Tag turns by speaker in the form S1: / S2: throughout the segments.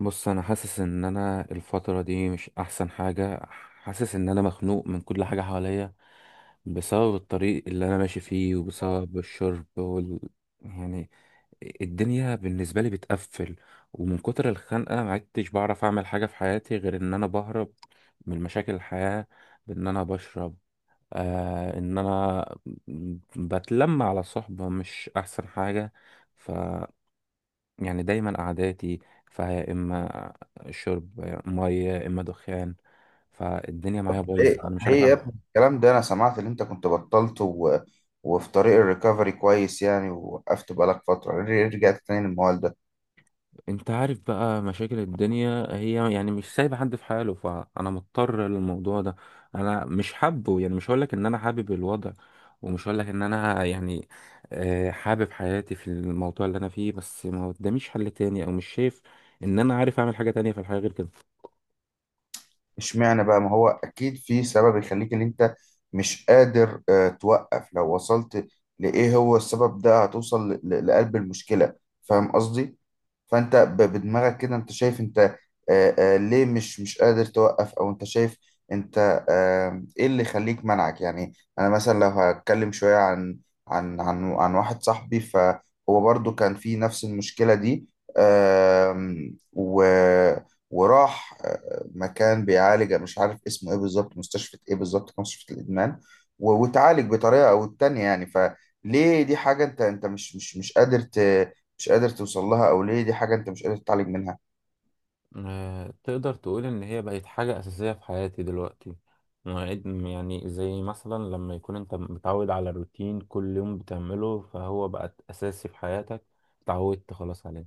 S1: بص، انا حاسس ان انا الفتره دي مش احسن حاجه. حاسس ان انا مخنوق من كل حاجه حواليا. بسبب الطريق اللي انا ماشي فيه وبسبب الشرب يعني الدنيا بالنسبه لي بتقفل. ومن كتر الخنقه ما عدتش بعرف اعمل حاجه في حياتي غير ان انا بهرب من مشاكل الحياه بان انا بشرب. ان انا بتلم على صحبه مش احسن حاجه. يعني دايما قعداتي فيا إما شرب مية يا إما دخان. فالدنيا معايا
S2: طب
S1: بايظة،
S2: ليه
S1: أنا مش
S2: ليه
S1: عارف،
S2: يا
S1: فاهم؟
S2: ابني الكلام ده؟ انا سمعت ان انت كنت بطلت وفي طريق الريكفري كويس يعني، ووقفت بقالك فترة، ليه رجعت تاني للموال ده؟
S1: أنت عارف بقى مشاكل الدنيا هي يعني مش سايبة حد في حاله، فأنا مضطر للموضوع ده. أنا مش حابه، يعني مش هقولك إن أنا حابب الوضع، ومش هقولك إن أنا يعني حابب حياتي في الموضوع اللي أنا فيه، بس ما قداميش حل تاني أو مش شايف إن أنا عارف أعمل حاجة تانية في الحياة غير كده.
S2: اشمعنى بقى، ما هو اكيد في سبب يخليك ان انت مش قادر توقف. لو وصلت لايه هو السبب ده هتوصل لقلب المشكلة. فاهم قصدي؟ فانت بدماغك كده انت شايف انت ليه مش قادر توقف، او انت شايف انت ايه اللي يخليك منعك يعني؟ انا مثلا لو هتكلم شوية عن واحد صاحبي فهو برضو كان في نفس المشكلة دي. آم، و وراح مكان بيعالج، مش عارف اسمه ايه بالظبط، مستشفى ايه بالظبط، كان مستشفى الادمان. وتعالج بطريقه او التانية يعني. فليه دي حاجه انت مش قادر مش قادر توصل لها، او ليه دي حاجه انت مش قادر تتعالج منها؟
S1: تقدر تقول إن هي بقت حاجة أساسية في حياتي دلوقتي. مواعيد يعني زي مثلا لما يكون أنت متعود على الروتين كل يوم بتعمله، فهو بقت أساسي في حياتك. اتعودت خلاص عليه.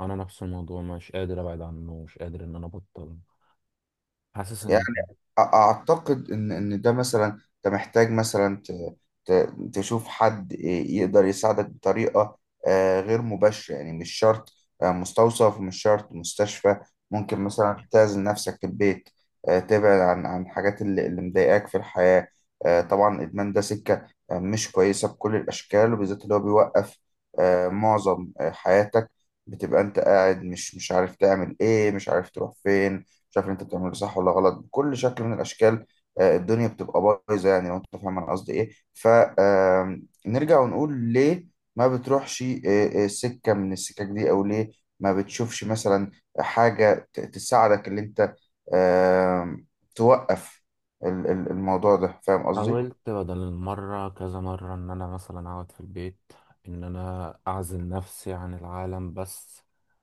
S1: أنا نفس الموضوع، مش قادر أبعد عنه، مش قادر إن أنا أبطل. حاسس إن...
S2: اعتقد ان ده مثلا انت محتاج مثلا تشوف حد يقدر يساعدك بطريقه غير مباشره يعني. مش شرط مستوصف، مش شرط مستشفى. ممكن مثلا تعزل نفسك في البيت، تبعد عن الحاجات اللي مضايقاك في الحياه. طبعا الادمان ده سكه مش كويسه بكل الاشكال، وبالذات اللي هو بيوقف معظم حياتك. بتبقى انت قاعد مش عارف تعمل ايه، مش عارف تروح فين، مش عارف اللي انت بتعمله صح ولا غلط بكل شكل من الاشكال. الدنيا بتبقى بايظه يعني، لو انت فاهم انا قصدي ايه. فنرجع ونقول ليه ما بتروحش سكه من السكك دي، او ليه ما بتشوفش مثلا حاجه تساعدك اللي انت آه، توقف الموضوع ده. فاهم قصدي؟
S1: حاولت بدل المرة كذا مرة إن أنا مثلا أقعد في البيت، إن أنا أعزل نفسي عن العالم، بس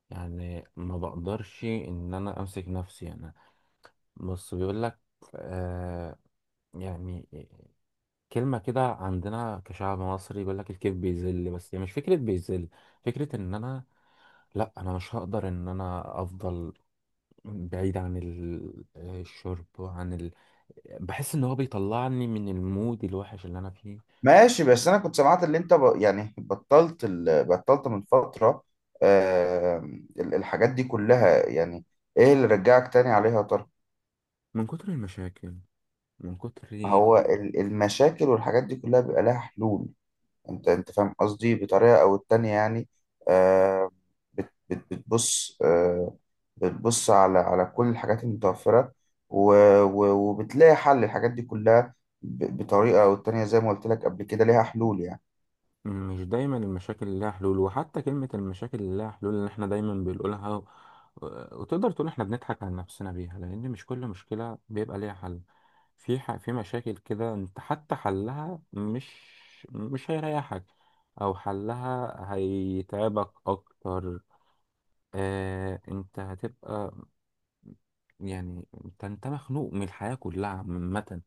S1: يعني ما بقدرش إن أنا أمسك نفسي أنا. بص، بيقول لك آه يعني كلمة كده عندنا كشعب مصري، بيقول لك الكيف بيذل، بس يعني مش فكرة بيذل، فكرة ان انا... لا، انا مش هقدر ان انا افضل بعيد عن الشرب بحس ان هو بيطلعني من المود الوحش اللي انا فيه.
S2: ماشي، بس انا كنت سمعت اللي انت يعني بطلت بطلت من فتره آه، الحاجات دي كلها يعني. ايه اللي رجعك تاني عليها يا ترى؟
S1: من كتر المشاكل، من كتر
S2: هو المشاكل والحاجات دي كلها بيبقى لها حلول. انت فاهم قصدي بطريقة او التانية يعني. آه بتبص، بتبص على كل الحاجات المتوفرة، وبتلاقي حل الحاجات دي كلها بطريقة او التانية. زي ما قلت لك قبل كده، ليها حلول يعني.
S1: مش دايما المشاكل اللي لها حلول. وحتى كلمة المشاكل اللي لها حلول اللي احنا دايما بنقولها وتقدر تقول احنا بنضحك على نفسنا بيها، لأن مش كل مشكلة بيبقى ليها حل. في مشاكل كده انت حتى حلها مش هيريحك، أو حلها هيتعبك أكتر. انت هتبقى، يعني انت مخنوق من الحياة كلها عامة.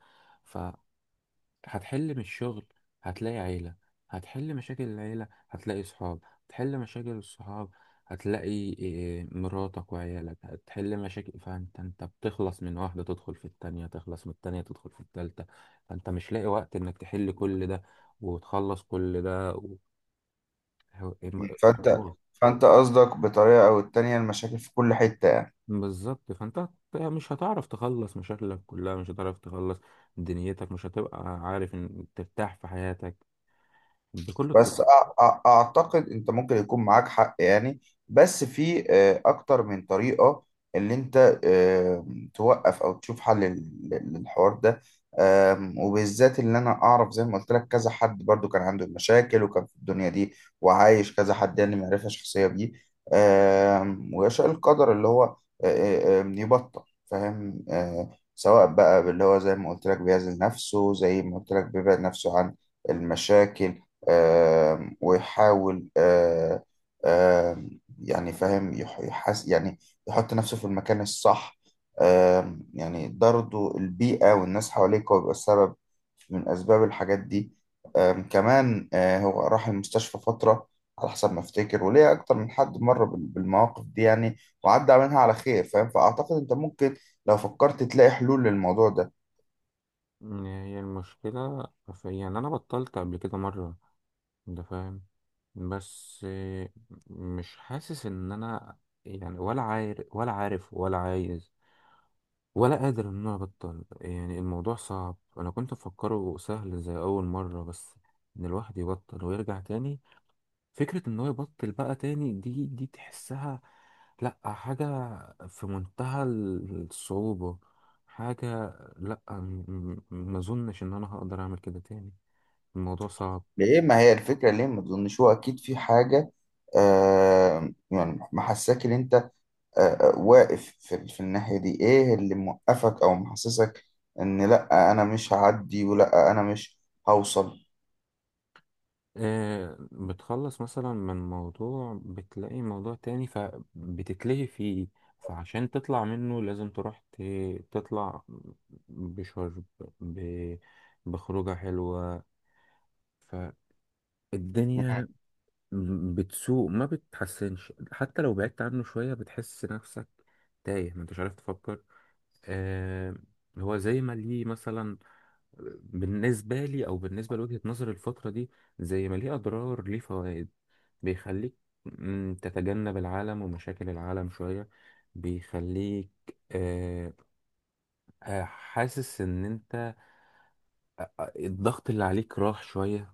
S1: هتحل من الشغل، هتلاقي عيلة هتحل مشاكل العيلة، هتلاقي صحاب هتحل مشاكل الصحاب، هتلاقي إيه، مراتك وعيالك هتحل مشاكل، فانت بتخلص من واحدة تدخل في التانية، تخلص من التانية تدخل في التالتة، فانت مش لاقي وقت انك تحل كل ده وتخلص كل ده
S2: فانت
S1: و-
S2: فانت قصدك بطريقة او التانية المشاكل في كل حتة.
S1: بالظبط. فانت مش هتعرف تخلص مشاكلك كلها، مش هتعرف تخلص دنيتك، مش هتبقى عارف ان ترتاح في حياتك بكل الطرق.
S2: بس اعتقد انت ممكن يكون معاك حق يعني، بس في اكتر من طريقة اللي انت توقف او تشوف حل للحوار ده. وبالذات اللي انا اعرف، زي ما قلت لك، كذا حد برضو كان عنده مشاكل وكان في الدنيا دي، وعايش كذا حد يعني، معرفة شخصية بيه. ويشاء القدر اللي هو آه، آه، آم، يبطل، فاهم؟ سواء بقى، اللي هو زي ما قلت لك بيعزل نفسه، زي ما قلت لك بيبعد نفسه عن المشاكل، ويحاول آه، آم، يعني فاهم، يحس يعني، يحط نفسه في المكان الصح. يعني ده برضه البيئة والناس حواليك هو بيبقى السبب من أسباب الحاجات دي. كمان هو راح المستشفى فترة، على حسب ما افتكر، وليه أكتر من حد مر بالمواقف دي يعني، وعدى منها على خير فاهم. فأعتقد أنت ممكن لو فكرت تلاقي حلول للموضوع ده.
S1: هي المشكلة في، يعني أنا بطلت قبل كده مرة، أنت فاهم. بس مش حاسس إن أنا يعني، ولا عارف ولا عايز ولا قادر إن أنا أبطل. يعني الموضوع صعب، أنا كنت مفكره سهل زي أول مرة، بس إن الواحد يبطل ويرجع تاني، فكرة ان هو يبطل بقى تاني دي تحسها لا حاجة في منتهى الصعوبة، حاجة لا. ما اظنش ان انا هقدر اعمل كده تاني، الموضوع صعب.
S2: ليه ما هي الفكرة، ليه ما تظنش هو أكيد في حاجة يعني محساك إن أنت واقف في الناحية دي؟ إيه اللي موقفك أو محسسك إن لأ أنا مش هعدي ولأ أنا مش هوصل؟
S1: بتخلص مثلا من موضوع بتلاقي موضوع تاني فبتتلهي فيه، فعشان تطلع منه لازم تروح تطلع بشرب، ب- بخروجة حلوة. فالدنيا بتسوق ما بتحسنش. حتى لو بعدت عنه شوية بتحس نفسك تايه، ما انتش عارف تفكر. آه هو زي ما ليه مثلا، بالنسبة لي أو بالنسبة لوجهة نظري الفترة دي، زي ما ليه أضرار ليه فوائد. بيخليك تتجنب العالم ومشاكل العالم شوية، بيخليك آه حاسس إن أنت الضغط اللي عليك راح شوية.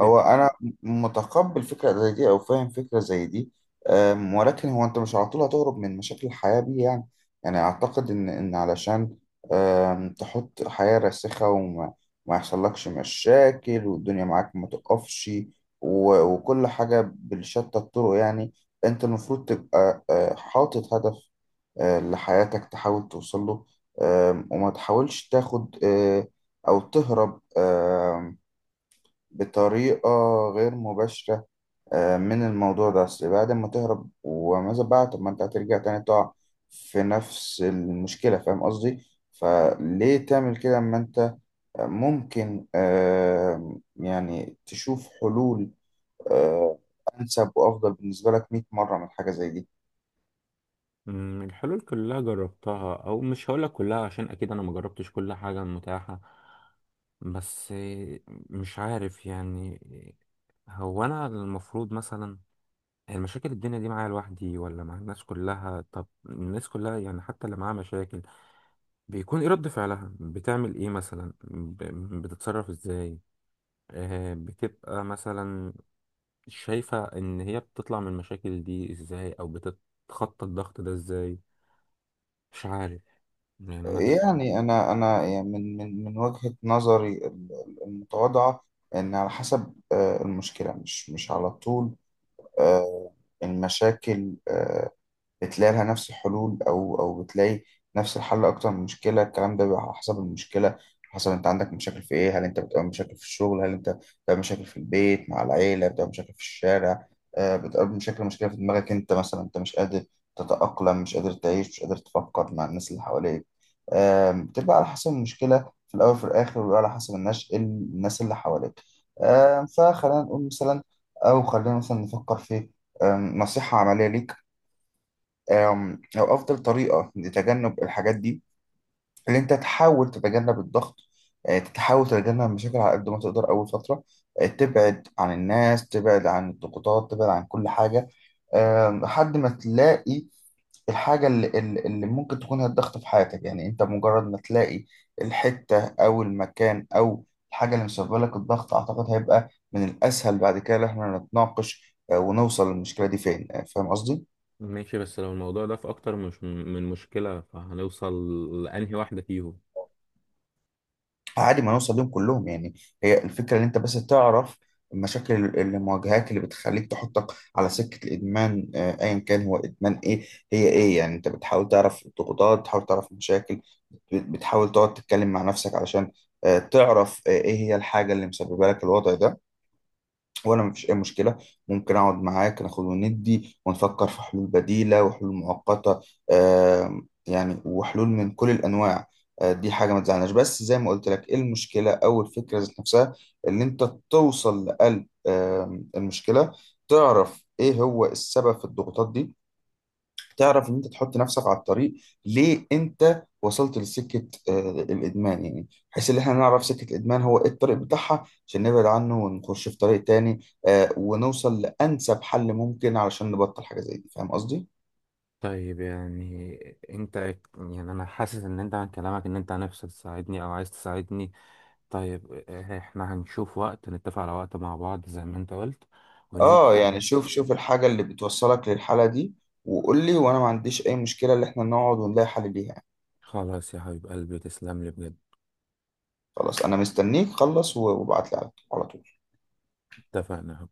S2: هو انا متقبل فكره زي دي او فاهم فكره زي دي، ولكن هو انت مش على طول هتهرب من مشاكل الحياه دي يعني. يعني اعتقد ان علشان تحط حياه راسخه، وما ما يحصلكش مشاكل والدنيا معاك ما تقفش، وكل حاجه بالشتى الطرق يعني، انت المفروض تبقى حاطط هدف لحياتك، تحاول توصل له. وما تحاولش تاخد او تهرب بطريقة غير مباشرة من الموضوع ده. أصل بعد ما تهرب وماذا بقى؟ طب ما أنت هترجع تاني تقع في نفس المشكلة. فاهم قصدي؟ فليه تعمل كده أما أنت ممكن يعني تشوف حلول آه، أنسب وأفضل بالنسبة لك 100 مرة من حاجة زي دي؟
S1: الحلول كلها جربتها، او مش هقولك كلها عشان اكيد انا ما جربتش كل حاجة متاحة. بس مش عارف يعني. هو انا المفروض مثلا المشاكل الدنيا دي معايا لوحدي ولا مع الناس كلها؟ طب الناس كلها يعني حتى اللي معاها مشاكل، بيكون ايه رد فعلها؟ بتعمل ايه مثلا، بتتصرف ازاي؟ بتبقى مثلا شايفة ان هي بتطلع من المشاكل دي ازاي، او بتتخطى الضغط ده ازاي؟ مش عارف يعني انا.
S2: يعني أنا يعني من وجهة نظري المتواضعة، إن على حسب المشكلة. مش على طول آه، المشاكل بتلاقي لها نفس الحلول، او بتلاقي نفس الحل اكتر من مشكله. الكلام ده بيبقى على حسب المشكله، حسب انت عندك مشاكل في ايه. هل انت بتقابل مشاكل في الشغل، هل انت بتقابل مشاكل في البيت مع العيله، بتقابل مشاكل في الشارع، بتقابل مشاكل مشكله في دماغك انت مثلا، انت مش قادر تتاقلم، مش قادر تعيش، مش قادر تفكر مع الناس اللي حواليك. بتبقى على حسب المشكله في الاول وفي الاخر، وبيبقى على حسب الناس اللي حواليك. فخلينا نقول مثلا، او خلينا مثلا نفكر في نصيحه عمليه ليك، أو أفضل طريقة لتجنب الحاجات دي اللي أنت تحاول تتجنب الضغط. تحاول تتجنب المشاكل على قد ما تقدر أول فترة، تبعد عن الناس، تبعد عن الضغوطات، تبعد عن كل حاجة، لحد ما تلاقي الحاجة اللي ممكن تكون هي الضغط في حياتك. يعني أنت مجرد ما تلاقي الحتة أو المكان أو الحاجة اللي مسببة لك الضغط، أعتقد هيبقى من الأسهل بعد كده إن إحنا نتناقش ونوصل للمشكلة دي فين. فاهم قصدي؟
S1: ماشي، بس لو الموضوع ده في أكتر مش من مشكلة، فهنوصل لأنهي واحدة فيهم؟
S2: عادي ما نوصل لهم كلهم يعني. هي الفكرة ان انت بس تعرف المشاكل المواجهات اللي بتخليك تحطك على سكة الإدمان أيا كان هو إدمان إيه، هي إيه يعني. أنت بتحاول تعرف الضغوطات، بتحاول تعرف المشاكل، بتحاول تقعد تتكلم مع نفسك علشان تعرف إيه هي الحاجة اللي مسببة لك الوضع ده. وانا مفيش اي مشكله ممكن اقعد معاك ناخد وندي ونفكر في حلول بديله وحلول مؤقته، يعني وحلول من كل الانواع. دي حاجه ما تزعلناش. بس زي ما قلت لك، ايه المشكله، او الفكره ذات نفسها ان انت توصل لقلب المشكله، تعرف ايه هو السبب في الضغوطات دي، تعرف ان انت تحط نفسك على الطريق ليه، انت وصلت لسكه الادمان يعني، بحيث ان احنا نعرف سكه الادمان هو ايه، الطريق بتاعها عشان نبعد عنه ونخش في طريق تاني، ونوصل لانسب حل ممكن علشان نبطل حاجه زي دي. فاهم قصدي؟
S1: طيب يعني انت، يعني انا حاسس ان انت عن كلامك ان انت نفسك تساعدني او عايز تساعدني. طيب احنا هنشوف وقت، نتفق على وقت مع بعض زي ما انت قلت
S2: اه،
S1: وننزل.
S2: يعني شوف شوف الحاجه اللي بتوصلك للحاله دي وقول لي، وانا ما عنديش اي مشكله ان احنا نقعد ونلاقي حل ليها يعني.
S1: خلاص يا حبيب قلبي، تسلم لي بجد.
S2: خلاص، انا مستنيك، خلص وابعت لي على طول.
S1: اتفقنا.